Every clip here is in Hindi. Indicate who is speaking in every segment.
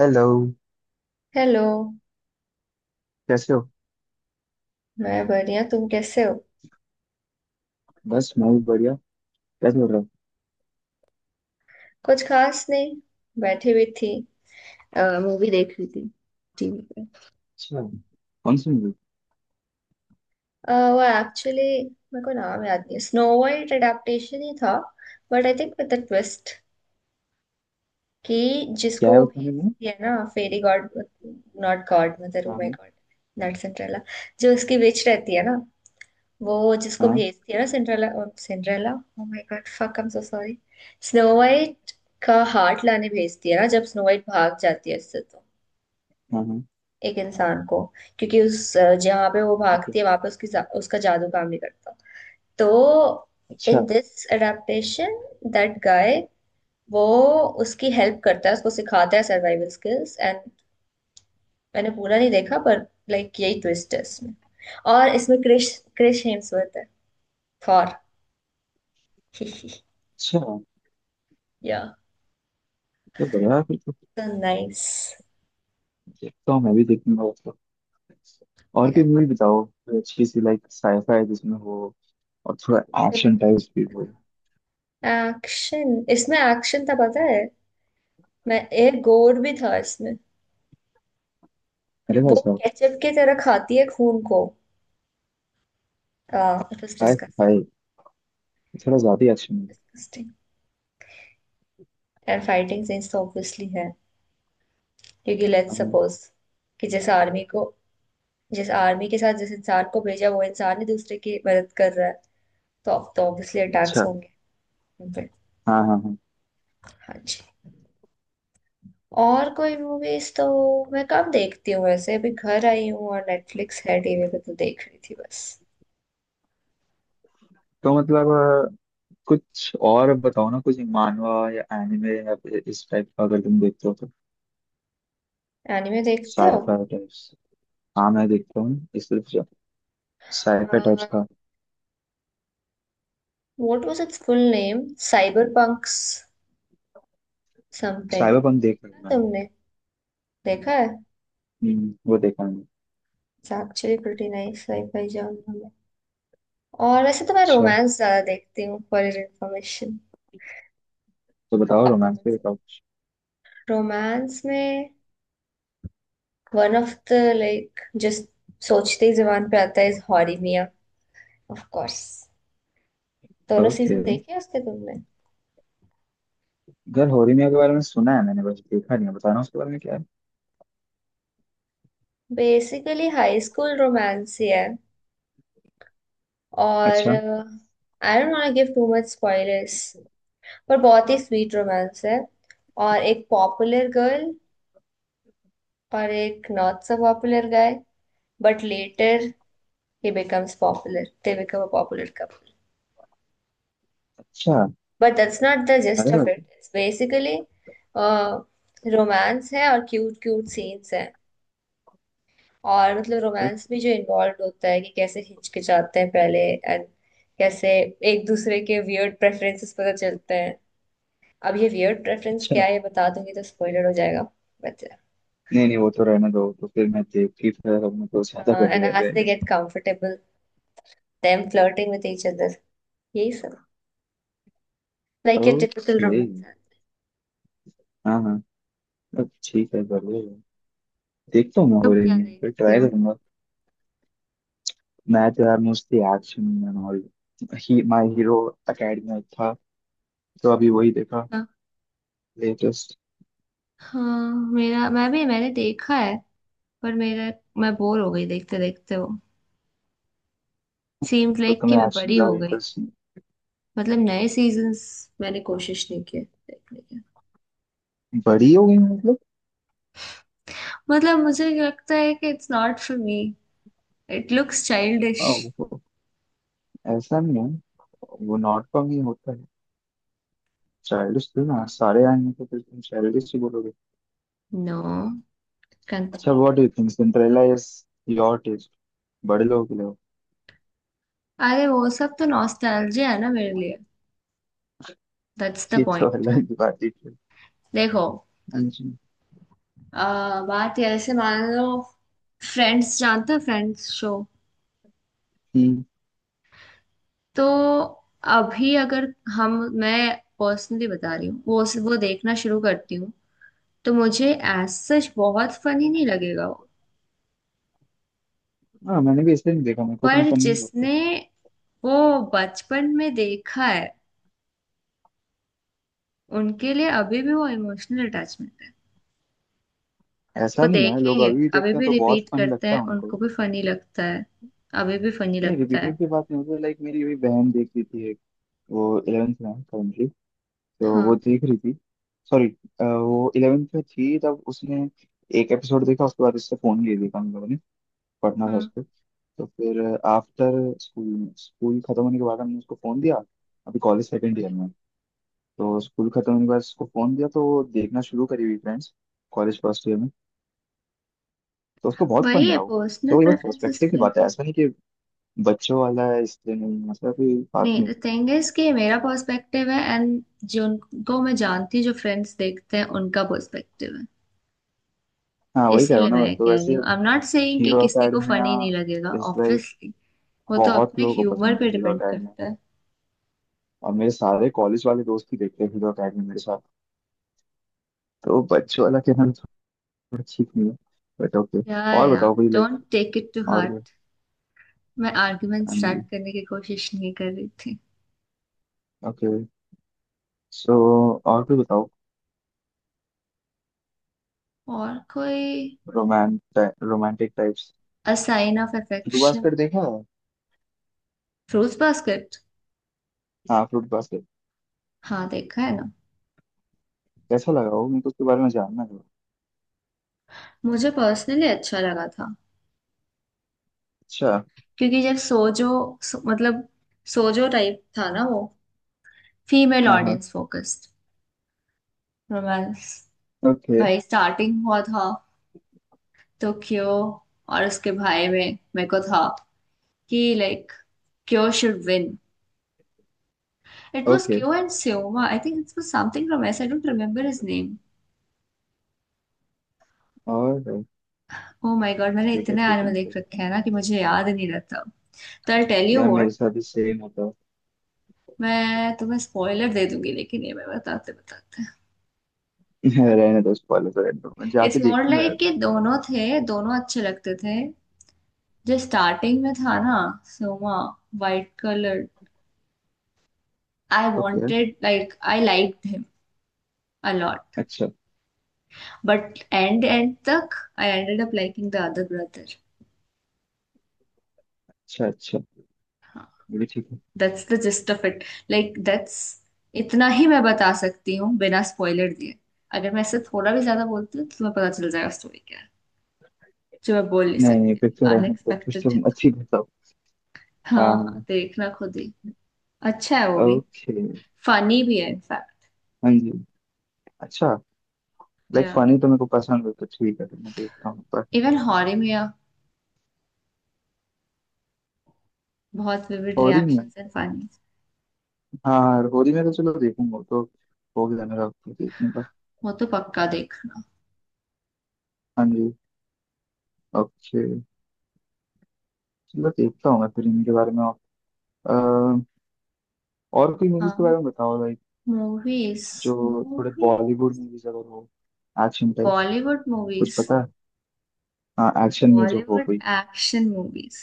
Speaker 1: हेलो।
Speaker 2: हेलो।
Speaker 1: कैसे हो?
Speaker 2: मैं बढ़िया तुम कैसे हो।
Speaker 1: बस मैं भी बढ़िया। क्या चल रहा है?
Speaker 2: कुछ खास नहीं। बैठी हुई थी। मूवी देख रही थी टीवी पे।
Speaker 1: अच्छा। कौन सी मूवी?
Speaker 2: वो एक्चुअली मेरे को नाम याद नहीं, स्नो वाइट अडेप्टेशन ही था। But I think with the twist कि
Speaker 1: क्या
Speaker 2: जिसको
Speaker 1: है
Speaker 2: वो
Speaker 1: उसमें में?
Speaker 2: भेजती है ना, fairy god, not god mother. Oh
Speaker 1: हाँ
Speaker 2: माय
Speaker 1: हाँ।
Speaker 2: God, not Cinderella. जो उसकी विच रहती है ना, वो जिसको
Speaker 1: हाँ
Speaker 2: भेजती है ना, Cinderella. Cinderella, oh my god fuck, I am so sorry. Snow white का हार्ट लाने भेजती है ना, जब स्नो वाइट भाग जाती है उससे, तो
Speaker 1: हाँ हाँ,
Speaker 2: एक इंसान को। क्योंकि जहाँ पे वो
Speaker 1: ओके।
Speaker 2: भागती है वहां पे उसका जादू काम नहीं करता, तो।
Speaker 1: अच्छा।
Speaker 2: In this adaptation that guy, वो उसकी हेल्प करता है, उसको सिखाता है सर्वाइवल स्किल्स एंड मैंने पूरा नहीं देखा, पर लाइक यही ट्विस्ट है इसमें। और इसमें क्रिश क्रिश हेम्सवर्थ है, थॉर।
Speaker 1: अच्छा तो
Speaker 2: या,
Speaker 1: बढ़िया है, फिर तो।
Speaker 2: तो नाइस।
Speaker 1: देखता हूँ, मैं भी देखूंगा उसको। और कोई
Speaker 2: Yeah.
Speaker 1: मूवी बताओ, कोई अच्छी सी लाइक साइफाई जिसमें हो, और थोड़ा एक्शन टाइप भी हो।
Speaker 2: एक्शन, इसमें एक्शन था पता है। मैं एक गोर भी था इसमें।
Speaker 1: अरे
Speaker 2: वो
Speaker 1: भाई साहब।
Speaker 2: केचप की तरह खाती है खून को। इट वाज
Speaker 1: हाय। हाय। थोड़ा ज्यादा ही एक्शन है।
Speaker 2: डिस्गस्टिंग, एंड फाइटिंग सीन्स तो ऑब्वियसली है क्योंकि लेट्स
Speaker 1: हाँ,
Speaker 2: सपोज कि जिस आर्मी के साथ जिस इंसान को भेजा, वो इंसान ही दूसरे की मदद कर रहा है, तो अब तो ऑब्वियसली अटैक्स
Speaker 1: अच्छा।
Speaker 2: होंगे उन पे।
Speaker 1: हाँ हाँ हाँ।
Speaker 2: हाँ जी। और कोई मूवीज तो मैं कम देखती हूँ वैसे, अभी घर आई हूँ और नेटफ्लिक्स है टीवी पे तो देख रही थी बस।
Speaker 1: तो मतलब कुछ और बताओ ना, कुछ मानवा या एनिमे या फिर इस टाइप का अगर तुम देखते हो तो।
Speaker 2: एनिमे देखते हो।
Speaker 1: Scifi types. हाँ मैं देखता हूँ इस तरफ से, साइफर टाइप्स
Speaker 2: व्हाट
Speaker 1: का।
Speaker 2: Was its full name, cyber punks something.
Speaker 1: Cyber punk देख रहा हूँ मैंने।
Speaker 2: तुमने देखा है।
Speaker 1: वो देखा मैंने।
Speaker 2: It's actually pretty nice, scifi genre में। और वैसे तो मैं
Speaker 1: अच्छा।
Speaker 2: रोमांस ज्यादा देखती हूँ, फॉर योर इन्फॉर्मेशन।
Speaker 1: तो बताओ,
Speaker 2: और तुम।
Speaker 1: रोमांस पे बताओ।
Speaker 2: रोमांस में one of the, like just सोचते ही जुबान पे आता है, is Horimiya. Of course दोनों
Speaker 1: ओके।
Speaker 2: सीजन देखे हैं उसके, तुमने।
Speaker 1: घर होरीमिया के बारे में सुना है मैंने, बस देखा नहीं है। बताना उसके बारे में क्या है।
Speaker 2: बेसिकली हाई स्कूल रोमांस ही है और
Speaker 1: अच्छा
Speaker 2: I don't want give too much spoilers, पर बहुत ही स्वीट रोमांस है। और एक पॉपुलर गर्ल और एक not so popular guy, but later he becomes popular, they become a popular couple.
Speaker 1: अच्छा।
Speaker 2: बट दैट्स नॉट द
Speaker 1: अरे
Speaker 2: जिस्ट ऑफ
Speaker 1: भाई।
Speaker 2: इट, इट्स बेसिकली रोमांस है और क्यूट क्यूट सीन्स हैं। और मतलब
Speaker 1: ओ,
Speaker 2: रोमांस भी जो इन्वॉल्व होता है कि कैसे हिचकिचाते हैं पहले, एंड कैसे एक दूसरे के वियर्ड प्रेफरेंसेस पता चलते हैं। अब ये वियर्ड प्रेफरेंस क्या
Speaker 1: अच्छा।
Speaker 2: है ये बता दूंगी तो स्पॉइलर हो जाएगा, बट।
Speaker 1: नहीं नहीं, वो तो रहने दो, तो फिर मैं देख के फिर अपने तो ज्यादा बेटर
Speaker 2: एंड एज दे
Speaker 1: रहेगा।
Speaker 2: Get comfortable, them flirting with each other, यही सब, लाइक ये टिपिकल
Speaker 1: ओके।
Speaker 2: रोमांस है।
Speaker 1: हाँ हाँ। अब ठीक है, बढ़िया है। देखता हूँ मैं
Speaker 2: तुम क्या
Speaker 1: होरीमिया, फिर
Speaker 2: देखते
Speaker 1: ट्राई
Speaker 2: हो।
Speaker 1: करूंगा। मैं तो यार मोस्टली एक्शन एंड ऑल। ही माय हीरो एकेडमी था, तो अभी वही देखा,
Speaker 2: हाँ,
Speaker 1: लेटेस्ट।
Speaker 2: हाँ, मेरा मैं भी, मैंने देखा है। पर मेरा मैं बोर हो गई देखते देखते, वो सीम्ड
Speaker 1: तो
Speaker 2: लाइक कि
Speaker 1: तुम्हें
Speaker 2: मैं
Speaker 1: एक्शन
Speaker 2: बड़ी हो
Speaker 1: ज्यादा
Speaker 2: गई।
Speaker 1: इंटरेस्ट?
Speaker 2: मतलब नए सीजन्स मैंने कोशिश नहीं किया देखने की।
Speaker 1: बड़ी हो गई मतलब?
Speaker 2: मतलब मुझे लगता है कि it's not for me, it looks
Speaker 1: a,
Speaker 2: childish.
Speaker 1: वो ऐसा नहीं है, वो नॉट कॉम ही होता है। चाइल्डिश थी ना, सारे आएंगे तो फिर तुम चाइल्डिश ही बोलोगे।
Speaker 2: नो, कंट
Speaker 1: अच्छा,
Speaker 2: me.
Speaker 1: What do you think Cinderella is your taste बड़े लोगों के लिए हो।
Speaker 2: अरे वो सब तो नॉस्टैल्जिया है ना मेरे लिए, दैट्स द
Speaker 1: ये तो
Speaker 2: पॉइंट।
Speaker 1: अलग की बात ही थी।
Speaker 2: देखो,
Speaker 1: हाँ जी।
Speaker 2: बात ये ऐसे मान लो, फ्रेंड्स जानते हो, फ्रेंड्स शो।
Speaker 1: हम्म।
Speaker 2: तो अभी अगर हम मैं पर्सनली बता रही हूँ, वो देखना शुरू करती हूँ, तो मुझे एज सच बहुत फनी नहीं लगेगा वो।
Speaker 1: हाँ मैंने भी इसलिए नहीं देखा, मेरे को तो ना
Speaker 2: पर
Speaker 1: फनी नहीं लगता।
Speaker 2: जिसने वो बचपन में देखा है, उनके लिए अभी भी वो इमोशनल अटैचमेंट है।
Speaker 1: ऐसा
Speaker 2: वो
Speaker 1: नहीं है, लोग
Speaker 2: देखेंगे,
Speaker 1: अभी भी
Speaker 2: अभी
Speaker 1: देखते हैं
Speaker 2: भी
Speaker 1: तो बहुत
Speaker 2: रिपीट
Speaker 1: फनी
Speaker 2: करते
Speaker 1: लगता
Speaker 2: हैं,
Speaker 1: है उनको।
Speaker 2: उनको भी फनी लगता है, अभी भी फनी
Speaker 1: नहीं,
Speaker 2: लगता है।
Speaker 1: रिपीटेड की बात नहीं होती। लाइक मेरी अभी बहन देख रही थी, एक। वो इलेवेंथ में है currently, तो वो
Speaker 2: हाँ।
Speaker 1: देख रही थी। सॉरी, वो इलेवेंथ में थी तब उसने एक एपिसोड देखा, उसके बाद उससे फोन ले देखा हम लोगों ने, पढ़ना था
Speaker 2: हम्म,
Speaker 1: उसको। तो फिर आफ्टर स्कूल, स्कूल खत्म होने के बाद हमने उसको फोन दिया। अभी कॉलेज सेकेंड ईयर में। तो स्कूल खत्म होने के बाद उसको फोन दिया तो वो देखना शुरू करी हुई फ्रेंड्स, कॉलेज फर्स्ट ईयर में। तो उसको बहुत फन
Speaker 2: वही है,
Speaker 1: लगा वो।
Speaker 2: पर्सनल
Speaker 1: तो ये बस
Speaker 2: प्रेफरेंसेस
Speaker 1: पर्सपेक्टिव की
Speaker 2: पे।
Speaker 1: बात है, ऐसा नहीं कि बच्चों वाला है इसलिए नहीं, मतलब कोई बात
Speaker 2: नहीं,
Speaker 1: नहीं।
Speaker 2: द थिंग इज कि मेरा पर्सपेक्टिव है, एंड जिनको मैं जानती हूँ जो फ्रेंड्स देखते हैं उनका पर्सपेक्टिव है।
Speaker 1: हाँ वही कह रहा
Speaker 2: इसीलिए
Speaker 1: हूँ
Speaker 2: मैं
Speaker 1: ना,
Speaker 2: ये
Speaker 1: तो
Speaker 2: कह रही
Speaker 1: वैसे
Speaker 2: हूँ, आई एम नॉट सेइंग कि
Speaker 1: हीरो
Speaker 2: किसी को
Speaker 1: अकेडमिया
Speaker 2: फनी नहीं लगेगा,
Speaker 1: इज लाइक
Speaker 2: ऑब्वियसली। वो तो
Speaker 1: बहुत
Speaker 2: अपने
Speaker 1: लोगों को
Speaker 2: ह्यूमर
Speaker 1: पसंद है
Speaker 2: पे
Speaker 1: हीरो
Speaker 2: डिपेंड
Speaker 1: अकेडमिया।
Speaker 2: करता है।
Speaker 1: और मेरे सारे कॉलेज वाले दोस्त ही देखते हैं हीरो अकेडमी मेरे साथ। तो बच्चों वाला कहना तो थोड़ा ठीक नहीं है, बट ओके।
Speaker 2: या
Speaker 1: और
Speaker 2: या
Speaker 1: बताओ कोई like.
Speaker 2: Don't take it to
Speaker 1: और।
Speaker 2: हार्ट। मैं आर्गुमेंट
Speaker 1: एम
Speaker 2: स्टार्ट
Speaker 1: जी।
Speaker 2: करने की कोशिश नहीं कर रही थी।
Speaker 1: ओके। सो और कोई बताओ।
Speaker 2: और कोई,
Speaker 1: रोमांट romantic types.
Speaker 2: A sign of
Speaker 1: fruit
Speaker 2: affection,
Speaker 1: basket देखा है?
Speaker 2: Fruits basket.
Speaker 1: हाँ फ्रूट बास्केट।
Speaker 2: हाँ देखा है ना।
Speaker 1: कैसा लगा वो, मेरे को उसके बारे में जानना था।
Speaker 2: मुझे पर्सनली अच्छा लगा था,
Speaker 1: अच्छा।
Speaker 2: क्योंकि जब सोजो, मतलब सोजो टाइप था ना वो, फीमेल
Speaker 1: हाँ हाँ।
Speaker 2: Audience focused romance.
Speaker 1: ओके।
Speaker 2: भाई स्टार्टिंग हुआ था, तो क्यो, और उसके भाई में मेरे को था कि like, Kyo should win. It was
Speaker 1: okay.
Speaker 2: Kyo and स्योमा, I think it was something from एस, I don't remember his name.
Speaker 1: और
Speaker 2: ओ माय गॉड, मैंने
Speaker 1: ठीक है,
Speaker 2: इतने
Speaker 1: ठीक
Speaker 2: एनिमे
Speaker 1: है,
Speaker 2: देख
Speaker 1: देखता
Speaker 2: रखे
Speaker 1: हूँ।
Speaker 2: हैं ना कि मुझे याद ही नहीं रहता। तो आई टेल यू
Speaker 1: यार मेरे
Speaker 2: व्हाट,
Speaker 1: साथ भी सेम होता
Speaker 2: मैं तुम्हें स्पॉइलर दे दूंगी लेकिन, ये मैं बताते बताते।
Speaker 1: है, रहने दो। स्पॉइलर तो रहने दो, मैं जाके
Speaker 2: इट्स मोर
Speaker 1: देखूंगा यार।
Speaker 2: लाइक कि दोनों थे, दोनों अच्छे लगते थे। जो स्टार्टिंग में था ना, सोमा, वाइट कलर, आई
Speaker 1: ओके यार।
Speaker 2: Wanted, like I like him a lot.
Speaker 1: अच्छा
Speaker 2: बट एंड एंड तक I ended up liking the other brother.
Speaker 1: अच्छा। अच्छा, ये भी ठीक है।
Speaker 2: That's the gist of it, like that's, इतना ही मैं बता सकती हूँ बिना स्पॉइलर दिए। अगर मैं इससे थोड़ा भी ज्यादा बोलती हूँ तो तुम्हें पता चल जाएगा स्टोरी क्या है, जो मैं बोल नहीं
Speaker 1: नहीं नहीं,
Speaker 2: सकती।
Speaker 1: फिर तो रहने दो, फिर तो
Speaker 2: अनएक्सपेक्टेड है तो।
Speaker 1: अच्छी बताओ।
Speaker 2: हाँ हाँ,
Speaker 1: हाँ।
Speaker 2: देखना खुद ही। अच्छा है वो भी,
Speaker 1: ओके।
Speaker 2: फनी भी है इनफैक्ट।
Speaker 1: हाँ जी। अच्छा। लाइक
Speaker 2: या,
Speaker 1: फनी तो मेरे को पसंद है तो ठीक है, तो मैं तो देखता हूँ पर।
Speaker 2: इवन हॉरर में या बहुत विविड
Speaker 1: होरी में?
Speaker 2: Reactions and funny.
Speaker 1: हाँ हाँ, होरी में तो चलो देखूंगा वो तो, हो गया मेरा तो देखने का।
Speaker 2: वो तो पक्का देखना।
Speaker 1: हाँ जी। ओके। चलो देखता हूँ मैं फिर इनके बारे में। और अ, और कोई मूवीज के
Speaker 2: हाँ।
Speaker 1: बारे में बताओ like,
Speaker 2: मूवीज,
Speaker 1: जो थोड़े
Speaker 2: मूवी,
Speaker 1: बॉलीवुड मूवीज अगर हो, एक्शन टाइप्स,
Speaker 2: बॉलीवुड
Speaker 1: कुछ
Speaker 2: मूवीज,
Speaker 1: पता है? हाँ एक्शन में जो हो
Speaker 2: बॉलीवुड
Speaker 1: कोई।
Speaker 2: Action movies.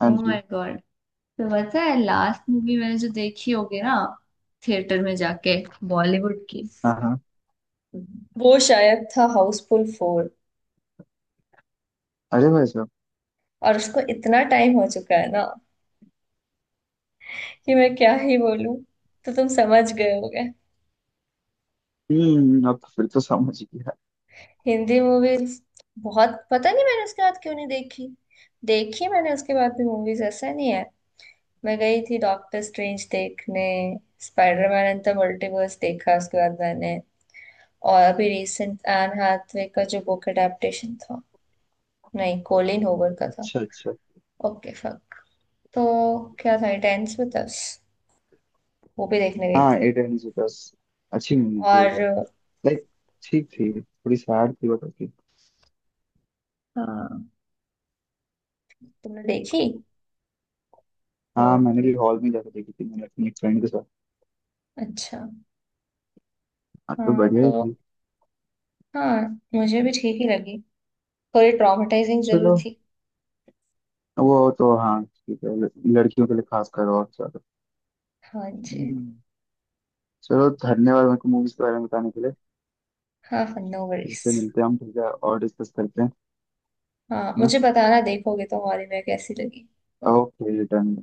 Speaker 1: हाँ
Speaker 2: ओ
Speaker 1: जी।
Speaker 2: My god. तो पता है लास्ट मूवी मैंने जो देखी होगी ना थिएटर में जाके, बॉलीवुड की,
Speaker 1: हाँ हाँ।
Speaker 2: वो शायद था हाउसफुल 4।
Speaker 1: अरे भाई साहब।
Speaker 2: और उसको इतना टाइम हो चुका है ना कि मैं क्या ही बोलूं, तो तुम समझ गए होगे।
Speaker 1: हम्म, अब तो फिर तो समझ गया।
Speaker 2: हिंदी मूवीज बहुत, पता नहीं मैंने उसके बाद क्यों नहीं देखी। देखी मैंने उसके बाद भी मूवीज, ऐसा नहीं है। मैं गई थी डॉक्टर स्ट्रेंज देखने, स्पाइडरमैन एंड द मल्टीवर्स देखा उसके बाद मैंने। और अभी रिसेंट एन हाथवे का जो बुक अडेप्टेशन था, नहीं कोलिन होवर का था।
Speaker 1: अच्छा अच्छा।
Speaker 2: Okay fuck. तो क्या था, टेंस में दस, वो भी देखने गई
Speaker 1: हाँ,
Speaker 2: थी।
Speaker 1: एट एंड दस। अच्छी मूवी होगी।
Speaker 2: और
Speaker 1: लाइक ठीक थी, थोड़ी सैड थी, बट ओके।
Speaker 2: हाँ, तुमने देखी वो
Speaker 1: हाँ मैंने
Speaker 2: मूवी।
Speaker 1: भी हॉल में जाकर देखी थी, मैंने अपनी एक फ्रेंड के साथ।
Speaker 2: अच्छा।
Speaker 1: हाँ तो
Speaker 2: हाँ
Speaker 1: बढ़िया ही
Speaker 2: तो,
Speaker 1: थी।
Speaker 2: हाँ, मुझे भी ठीक ही लगी, थोड़ी ट्रॉमेटाइजिंग जरूर
Speaker 1: चलो,
Speaker 2: थी।
Speaker 1: वो तो हाँ ठीक है। लड़कियों के लिए खास कर और ज्यादा।
Speaker 2: हाँ जी।
Speaker 1: हम्म, चलो धन्यवाद, मेरे को मूवीज के बारे में बताने के लिए।
Speaker 2: हाँ हाँ, नो
Speaker 1: फिर
Speaker 2: वरीज।
Speaker 1: से मिलते हैं हम, ठीक है, और डिस्कस करते हैं।
Speaker 2: हाँ
Speaker 1: है ना?
Speaker 2: मुझे बताना, देखोगे तो हॉल में कैसी लगी।
Speaker 1: Okay done.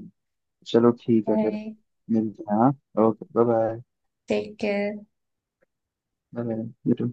Speaker 1: चलो ठीक है, फिर
Speaker 2: बाय।
Speaker 1: मिलते हैं हाँ। Okay, bye
Speaker 2: take care.
Speaker 1: Bye bye.